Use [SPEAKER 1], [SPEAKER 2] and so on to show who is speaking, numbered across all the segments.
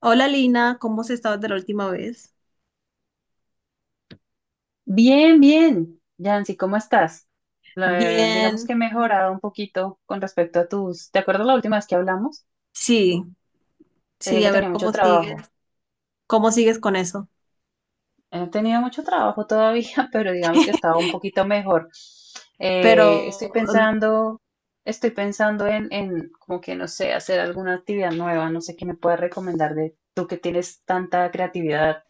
[SPEAKER 1] Hola Lina, ¿cómo has estado desde la última vez?
[SPEAKER 2] Bien, bien. Yancy, ¿cómo estás? La- digamos
[SPEAKER 1] Bien,
[SPEAKER 2] que he mejorado un poquito con respecto a tus... ¿Te acuerdas la última vez que hablamos?
[SPEAKER 1] sí,
[SPEAKER 2] Te dije
[SPEAKER 1] sí,
[SPEAKER 2] que
[SPEAKER 1] a
[SPEAKER 2] tenía
[SPEAKER 1] ver
[SPEAKER 2] mucho trabajo.
[SPEAKER 1] cómo sigues con eso.
[SPEAKER 2] He tenido mucho trabajo todavía, pero digamos que estaba un poquito mejor. Estoy
[SPEAKER 1] Pero
[SPEAKER 2] pensando, estoy pensando en como que no sé, hacer alguna actividad nueva. No sé qué me puedes recomendar de tú que tienes tanta creatividad.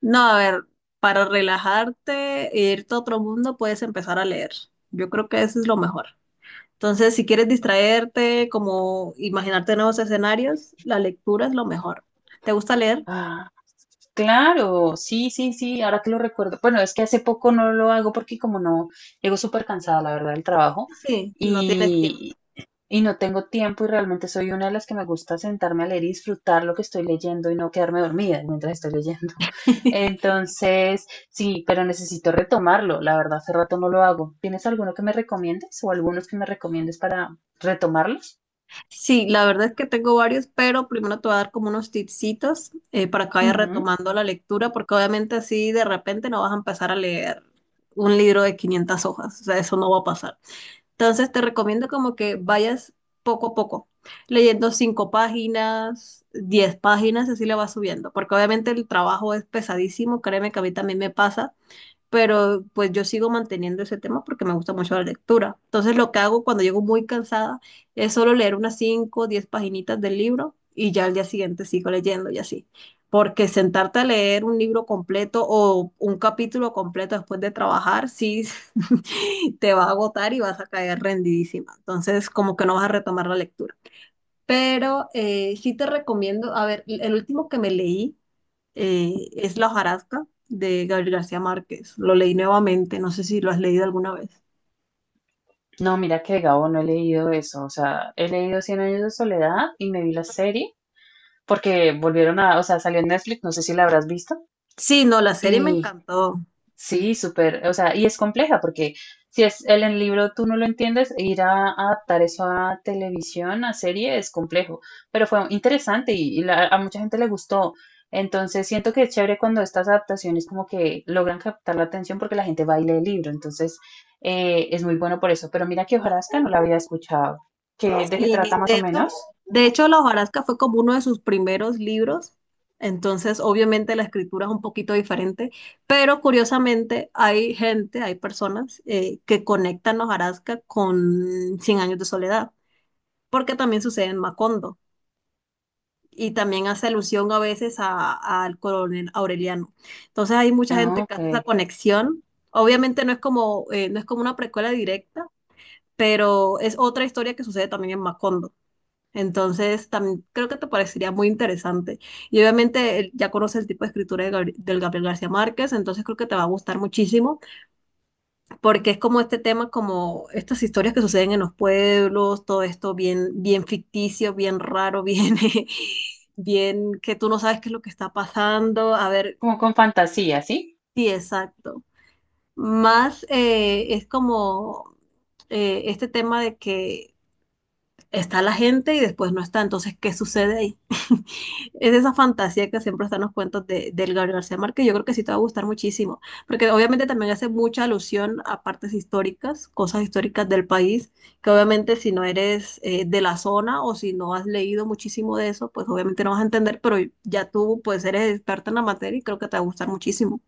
[SPEAKER 1] no, a ver, para relajarte e irte a otro mundo puedes empezar a leer. Yo creo que eso es lo mejor. Entonces, si quieres distraerte, como imaginarte nuevos escenarios, la lectura es lo mejor. ¿Te gusta leer?
[SPEAKER 2] Ah, claro, sí, sí, sí, ahora que lo recuerdo. Bueno, es que hace poco no lo hago porque como no, llego súper cansada, la verdad, del trabajo
[SPEAKER 1] Sí, no tienes
[SPEAKER 2] y,
[SPEAKER 1] tiempo.
[SPEAKER 2] y no tengo tiempo y realmente soy una de las que me gusta sentarme a leer y disfrutar lo que estoy leyendo y no quedarme dormida mientras estoy leyendo. Entonces, sí, pero necesito retomarlo, la verdad, hace rato no lo hago. ¿Tienes alguno que me recomiendes o algunos que me recomiendes para retomarlos?
[SPEAKER 1] Sí, la verdad es que tengo varios, pero primero te voy a dar como unos tipsitos para que vayas retomando la lectura, porque obviamente así de repente no vas a empezar a leer un libro de 500 hojas, o sea, eso no va a pasar. Entonces te recomiendo como que vayas poco a poco, leyendo 5 páginas, 10 páginas, así le vas subiendo, porque obviamente el trabajo es pesadísimo, créeme que a mí también me pasa, pero pues yo sigo manteniendo ese tema porque me gusta mucho la lectura. Entonces lo que hago cuando llego muy cansada es solo leer unas 5 o 10 paginitas del libro y ya al día siguiente sigo leyendo y así. Porque sentarte a leer un libro completo o un capítulo completo después de trabajar, sí, te va a agotar y vas a caer rendidísima. Entonces como que no vas a retomar la lectura. Pero sí te recomiendo, a ver, el último que me leí es La hojarasca de Gabriel García Márquez. Lo leí nuevamente, no sé si lo has leído alguna vez.
[SPEAKER 2] No, mira que de Gabo no he leído eso. O sea, he leído Cien años de soledad y me vi la serie porque volvieron a, o sea, salió en Netflix, no sé si la habrás visto.
[SPEAKER 1] Sí, no, la serie me
[SPEAKER 2] Y
[SPEAKER 1] encantó.
[SPEAKER 2] sí, súper, o sea, y es compleja porque si es el libro tú no lo entiendes, ir a adaptar eso a televisión, a serie, es complejo, pero fue interesante y la- a mucha gente le gustó. Entonces siento que es chévere cuando estas adaptaciones como que logran captar la atención porque la gente va y lee el libro, entonces es muy bueno por eso. Pero mira que Ojarasca no la había escuchado. ¿Qué, de qué trata
[SPEAKER 1] Sí,
[SPEAKER 2] más o
[SPEAKER 1] de hecho,
[SPEAKER 2] menos?
[SPEAKER 1] de hecho La hojarasca fue como uno de sus primeros libros, entonces obviamente la escritura es un poquito diferente, pero curiosamente hay gente, hay personas que conectan La hojarasca con Cien años de soledad, porque también sucede en Macondo. Y también hace alusión a veces al coronel Aureliano. Entonces hay mucha
[SPEAKER 2] Ah,
[SPEAKER 1] gente que
[SPEAKER 2] ok,
[SPEAKER 1] hace esa conexión. Obviamente no es como, no es como una precuela directa, pero es otra historia que sucede también en Macondo. Entonces también creo que te parecería muy interesante. Y obviamente ya conoces el tipo de escritura de del Gabriel García Márquez, entonces creo que te va a gustar muchísimo porque es como este tema, como estas historias que suceden en los pueblos, todo esto bien, bien ficticio, bien raro, bien, bien que tú no sabes qué es lo que está pasando. A ver,
[SPEAKER 2] como con fantasía, ¿sí?
[SPEAKER 1] sí, exacto. Más es como este tema de que está la gente y después no está. Entonces, ¿qué sucede ahí? Es esa fantasía que siempre están los cuentos de, del Gabriel García Márquez. Yo creo que sí te va a gustar muchísimo, porque obviamente también hace mucha alusión a partes históricas, cosas históricas del país, que obviamente si no eres de la zona o si no has leído muchísimo de eso, pues obviamente no vas a entender, pero ya tú pues eres experta en la materia y creo que te va a gustar muchísimo.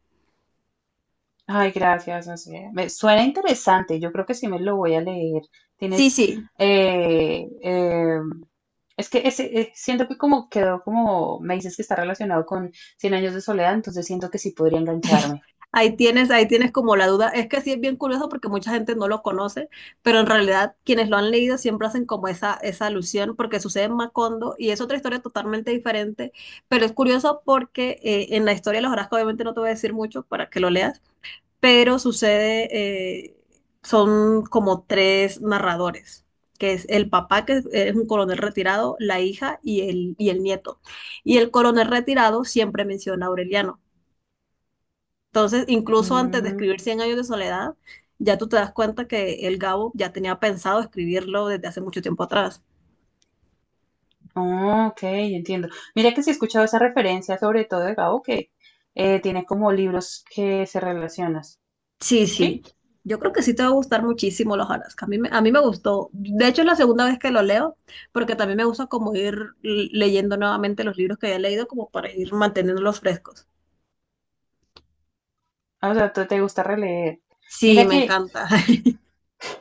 [SPEAKER 2] Ay, gracias. No sé, me suena interesante. Yo creo que sí me lo voy a leer.
[SPEAKER 1] Sí,
[SPEAKER 2] Tienes,
[SPEAKER 1] sí,
[SPEAKER 2] eh, eh, es que ese, siento que como quedó como, me dices que está relacionado con Cien años de soledad, entonces siento que sí podría engancharme.
[SPEAKER 1] ahí tienes, ahí tienes como la duda. Es que sí es bien curioso porque mucha gente no lo conoce, pero en realidad quienes lo han leído siempre hacen como esa alusión porque sucede en Macondo y es otra historia totalmente diferente, pero es curioso porque en la historia de los Orozco obviamente no te voy a decir mucho para que lo leas, pero sucede, son como tres narradores, que es el papá que es un coronel retirado, la hija y el nieto. Y el coronel retirado siempre menciona a Aureliano entonces, incluso antes de
[SPEAKER 2] Mm,
[SPEAKER 1] escribir Cien años de soledad, ya tú te das cuenta que el Gabo ya tenía pensado escribirlo desde hace mucho tiempo atrás.
[SPEAKER 2] oh, ok, entiendo. Mira que sí he escuchado esa referencia, sobre todo de Gabo, que tiene como libros que se relacionan.
[SPEAKER 1] Sí, sí.
[SPEAKER 2] ¿Sí?
[SPEAKER 1] Yo creo que sí te va a gustar muchísimo los Alaska. A mí, a mí me gustó. De hecho, es la segunda vez que lo leo, porque también me gusta como ir leyendo nuevamente los libros que había leído, como para ir manteniéndolos frescos.
[SPEAKER 2] O sea, ¿tú te gusta releer?
[SPEAKER 1] Sí,
[SPEAKER 2] Mira
[SPEAKER 1] me
[SPEAKER 2] que
[SPEAKER 1] encanta.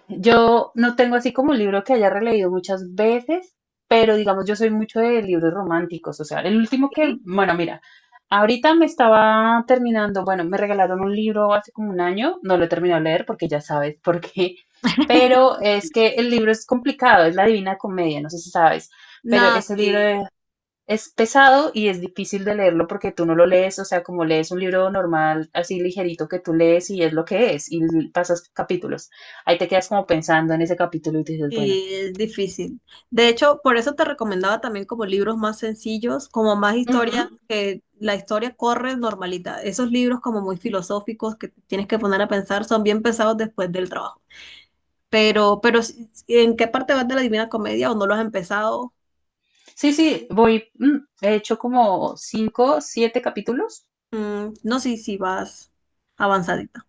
[SPEAKER 2] yo no tengo así como un libro que haya releído muchas veces, pero digamos, yo soy mucho de libros románticos. O sea, el último que,
[SPEAKER 1] ¿Sí?
[SPEAKER 2] bueno, mira, ahorita me estaba terminando, bueno, me regalaron un libro hace como un año, no lo he terminado de leer porque ya sabes por qué, pero es que el libro es complicado, es La Divina Comedia, no sé si sabes, pero
[SPEAKER 1] No,
[SPEAKER 2] ese libro
[SPEAKER 1] sí.
[SPEAKER 2] de es pesado y es difícil de leerlo porque tú no lo lees, o sea, como lees un libro normal, así ligerito que tú lees y es lo que es, y pasas capítulos. Ahí te quedas como pensando en ese capítulo y te dices, bueno,
[SPEAKER 1] Sí, es difícil. De hecho, por eso te recomendaba también como libros más sencillos, como más historias,
[SPEAKER 2] ujú,
[SPEAKER 1] que la historia corre normalita. Esos libros como muy filosóficos que te tienes que poner a pensar son bien pesados después del trabajo. Pero ¿en qué parte vas de la Divina Comedia o no lo has empezado?
[SPEAKER 2] sí, sí, voy, he hecho como cinco, siete capítulos.
[SPEAKER 1] Mm, no sé si vas avanzadita.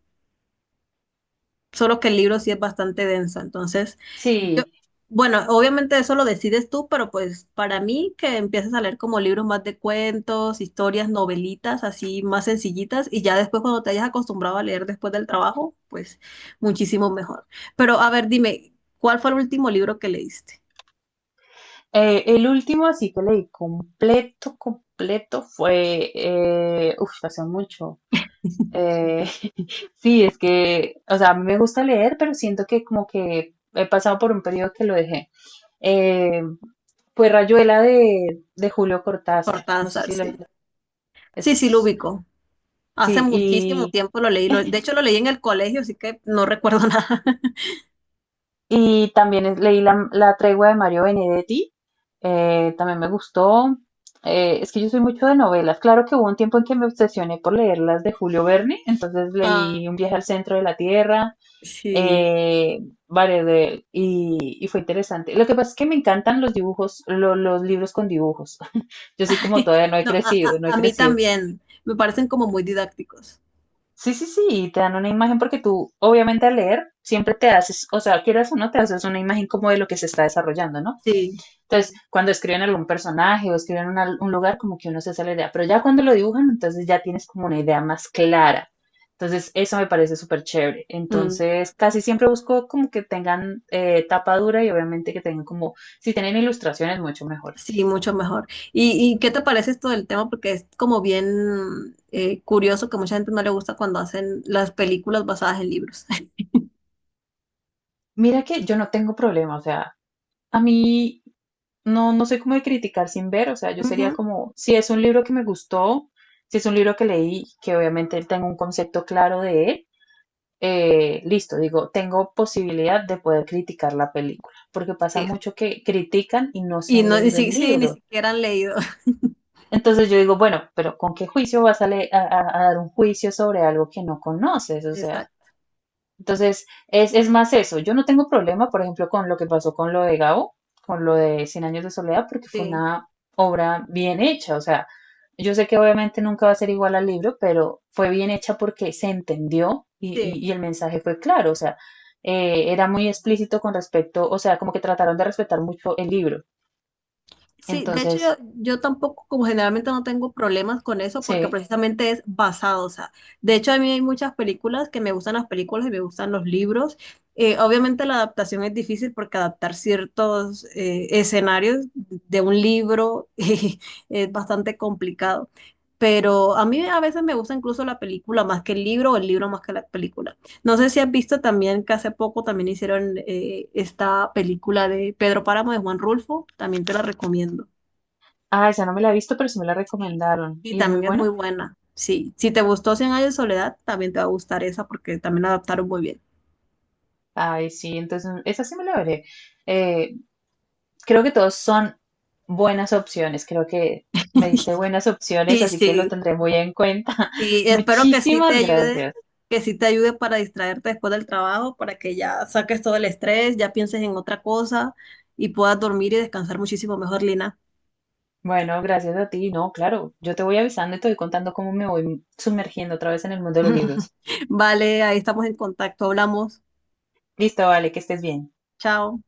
[SPEAKER 1] Solo que el libro sí es bastante denso. Entonces, yo,
[SPEAKER 2] Sí,
[SPEAKER 1] bueno, obviamente eso lo decides tú, pero pues para mí que empieces a leer como libros más de cuentos, historias, novelitas, así más sencillitas, y ya después cuando te hayas acostumbrado a leer después del trabajo, pues muchísimo mejor. Pero a ver, dime, ¿cuál fue el último libro que leíste?
[SPEAKER 2] el último así que leí completo, completo fue, hace mucho. Eh, sí, es que, o sea, a mí me gusta leer, pero siento que como que he pasado por un periodo que lo dejé. Eh, pues Rayuela de Julio Cortázar, no sé
[SPEAKER 1] Cortázar,
[SPEAKER 2] si lo
[SPEAKER 1] sí. Sí, sí, lo
[SPEAKER 2] es,
[SPEAKER 1] ubico. Hace
[SPEAKER 2] sí,
[SPEAKER 1] muchísimo tiempo lo leí. De hecho, lo leí en el colegio, así que no recuerdo nada.
[SPEAKER 2] y también es- leí la, la tregua de Mario Benedetti, también me gustó. Es que yo soy mucho de novelas. Claro que hubo un tiempo en que me obsesioné por leer las de Julio Verne, entonces
[SPEAKER 1] Ah,
[SPEAKER 2] leí Un viaje al centro de la Tierra,
[SPEAKER 1] sí.
[SPEAKER 2] eh, Varedel, y fue interesante. Lo que pasa es que me encantan los dibujos, lo- los libros con dibujos. Yo soy como todavía no he
[SPEAKER 1] No,
[SPEAKER 2] crecido, no he
[SPEAKER 1] a mí
[SPEAKER 2] crecido.
[SPEAKER 1] también. Me parecen como muy didácticos.
[SPEAKER 2] Sí, sí, sí, y te dan una imagen porque tú, obviamente al leer, siempre te haces, o sea, quieras o no, te haces una imagen como de lo que se está desarrollando, ¿no?
[SPEAKER 1] Sí,
[SPEAKER 2] Entonces, cuando escriben algún personaje o escriben una- un lugar, como que uno se hace la idea, pero ya cuando lo dibujan, entonces ya tienes como una idea más clara. Entonces, eso me parece súper chévere.
[SPEAKER 1] mm,
[SPEAKER 2] Entonces, casi siempre busco como que tengan tapa dura y obviamente que tengan como, si tienen ilustraciones, mucho mejor.
[SPEAKER 1] sí, mucho mejor. Y qué te parece esto del tema? Porque es como bien curioso que mucha gente no le gusta cuando hacen las películas basadas en libros.
[SPEAKER 2] Mira que yo no tengo problema, o sea, a mí no, no soy como de criticar sin ver, o sea, yo sería
[SPEAKER 1] Ujú.
[SPEAKER 2] como, si es un libro que me gustó, si es un libro que leí, que obviamente tengo un concepto claro de él, listo, digo, tengo posibilidad de poder criticar la película, porque pasa
[SPEAKER 1] Sí.
[SPEAKER 2] mucho que critican y no se
[SPEAKER 1] Y
[SPEAKER 2] han
[SPEAKER 1] no, y
[SPEAKER 2] leído el
[SPEAKER 1] sí, sí, ni
[SPEAKER 2] libro.
[SPEAKER 1] siquiera han leído.
[SPEAKER 2] Entonces yo digo, bueno, pero ¿con qué juicio vas a, le- a dar un juicio sobre algo que no conoces? O sea,
[SPEAKER 1] Exacto.
[SPEAKER 2] entonces, es más eso. Yo no tengo problema, por ejemplo, con lo que pasó con lo de Gabo, con lo de Cien Años de Soledad, porque fue
[SPEAKER 1] Sí,
[SPEAKER 2] una obra bien hecha. O sea, yo sé que obviamente nunca va a ser igual al libro, pero fue bien hecha porque se entendió y,
[SPEAKER 1] sí.
[SPEAKER 2] y el mensaje fue claro. O sea, era muy explícito con respecto, o sea, como que trataron de respetar mucho el libro.
[SPEAKER 1] Sí, de hecho yo,
[SPEAKER 2] Entonces,
[SPEAKER 1] yo tampoco, como generalmente no tengo problemas con eso porque
[SPEAKER 2] sí.
[SPEAKER 1] precisamente es basado, o sea, de hecho a mí hay muchas películas que me gustan las películas y me gustan los libros. Obviamente la adaptación es difícil porque adaptar ciertos escenarios de un libro es bastante complicado, pero a mí a veces me gusta incluso la película más que el libro o el libro más que la película. No sé si has visto también que hace poco también hicieron esta película de Pedro Páramo de Juan Rulfo, también te la recomiendo.
[SPEAKER 2] Ah, esa no me la he visto, pero sí me la
[SPEAKER 1] Sí.
[SPEAKER 2] recomendaron.
[SPEAKER 1] Y
[SPEAKER 2] ¿Y es muy
[SPEAKER 1] también es muy
[SPEAKER 2] buena?
[SPEAKER 1] buena. Sí, si te gustó Cien años de soledad, también te va a gustar esa porque también la adaptaron muy bien.
[SPEAKER 2] Ay, sí, entonces esa sí me la veré. Eh, creo que todos son buenas opciones. Creo que me diste buenas opciones,
[SPEAKER 1] Sí,
[SPEAKER 2] así que lo
[SPEAKER 1] sí,
[SPEAKER 2] tendré muy en cuenta.
[SPEAKER 1] sí, espero que sí te
[SPEAKER 2] Muchísimas
[SPEAKER 1] ayude,
[SPEAKER 2] gracias.
[SPEAKER 1] que sí te ayude para distraerte después del trabajo, para que ya saques todo el estrés, ya pienses en otra cosa y puedas dormir y descansar muchísimo mejor, Lina.
[SPEAKER 2] Bueno, gracias a ti. No, claro, yo te voy avisando y te voy contando cómo me voy sumergiendo otra vez en el mundo de los libros.
[SPEAKER 1] Vale, ahí estamos en contacto, hablamos.
[SPEAKER 2] Listo, vale, que estés bien.
[SPEAKER 1] Chao.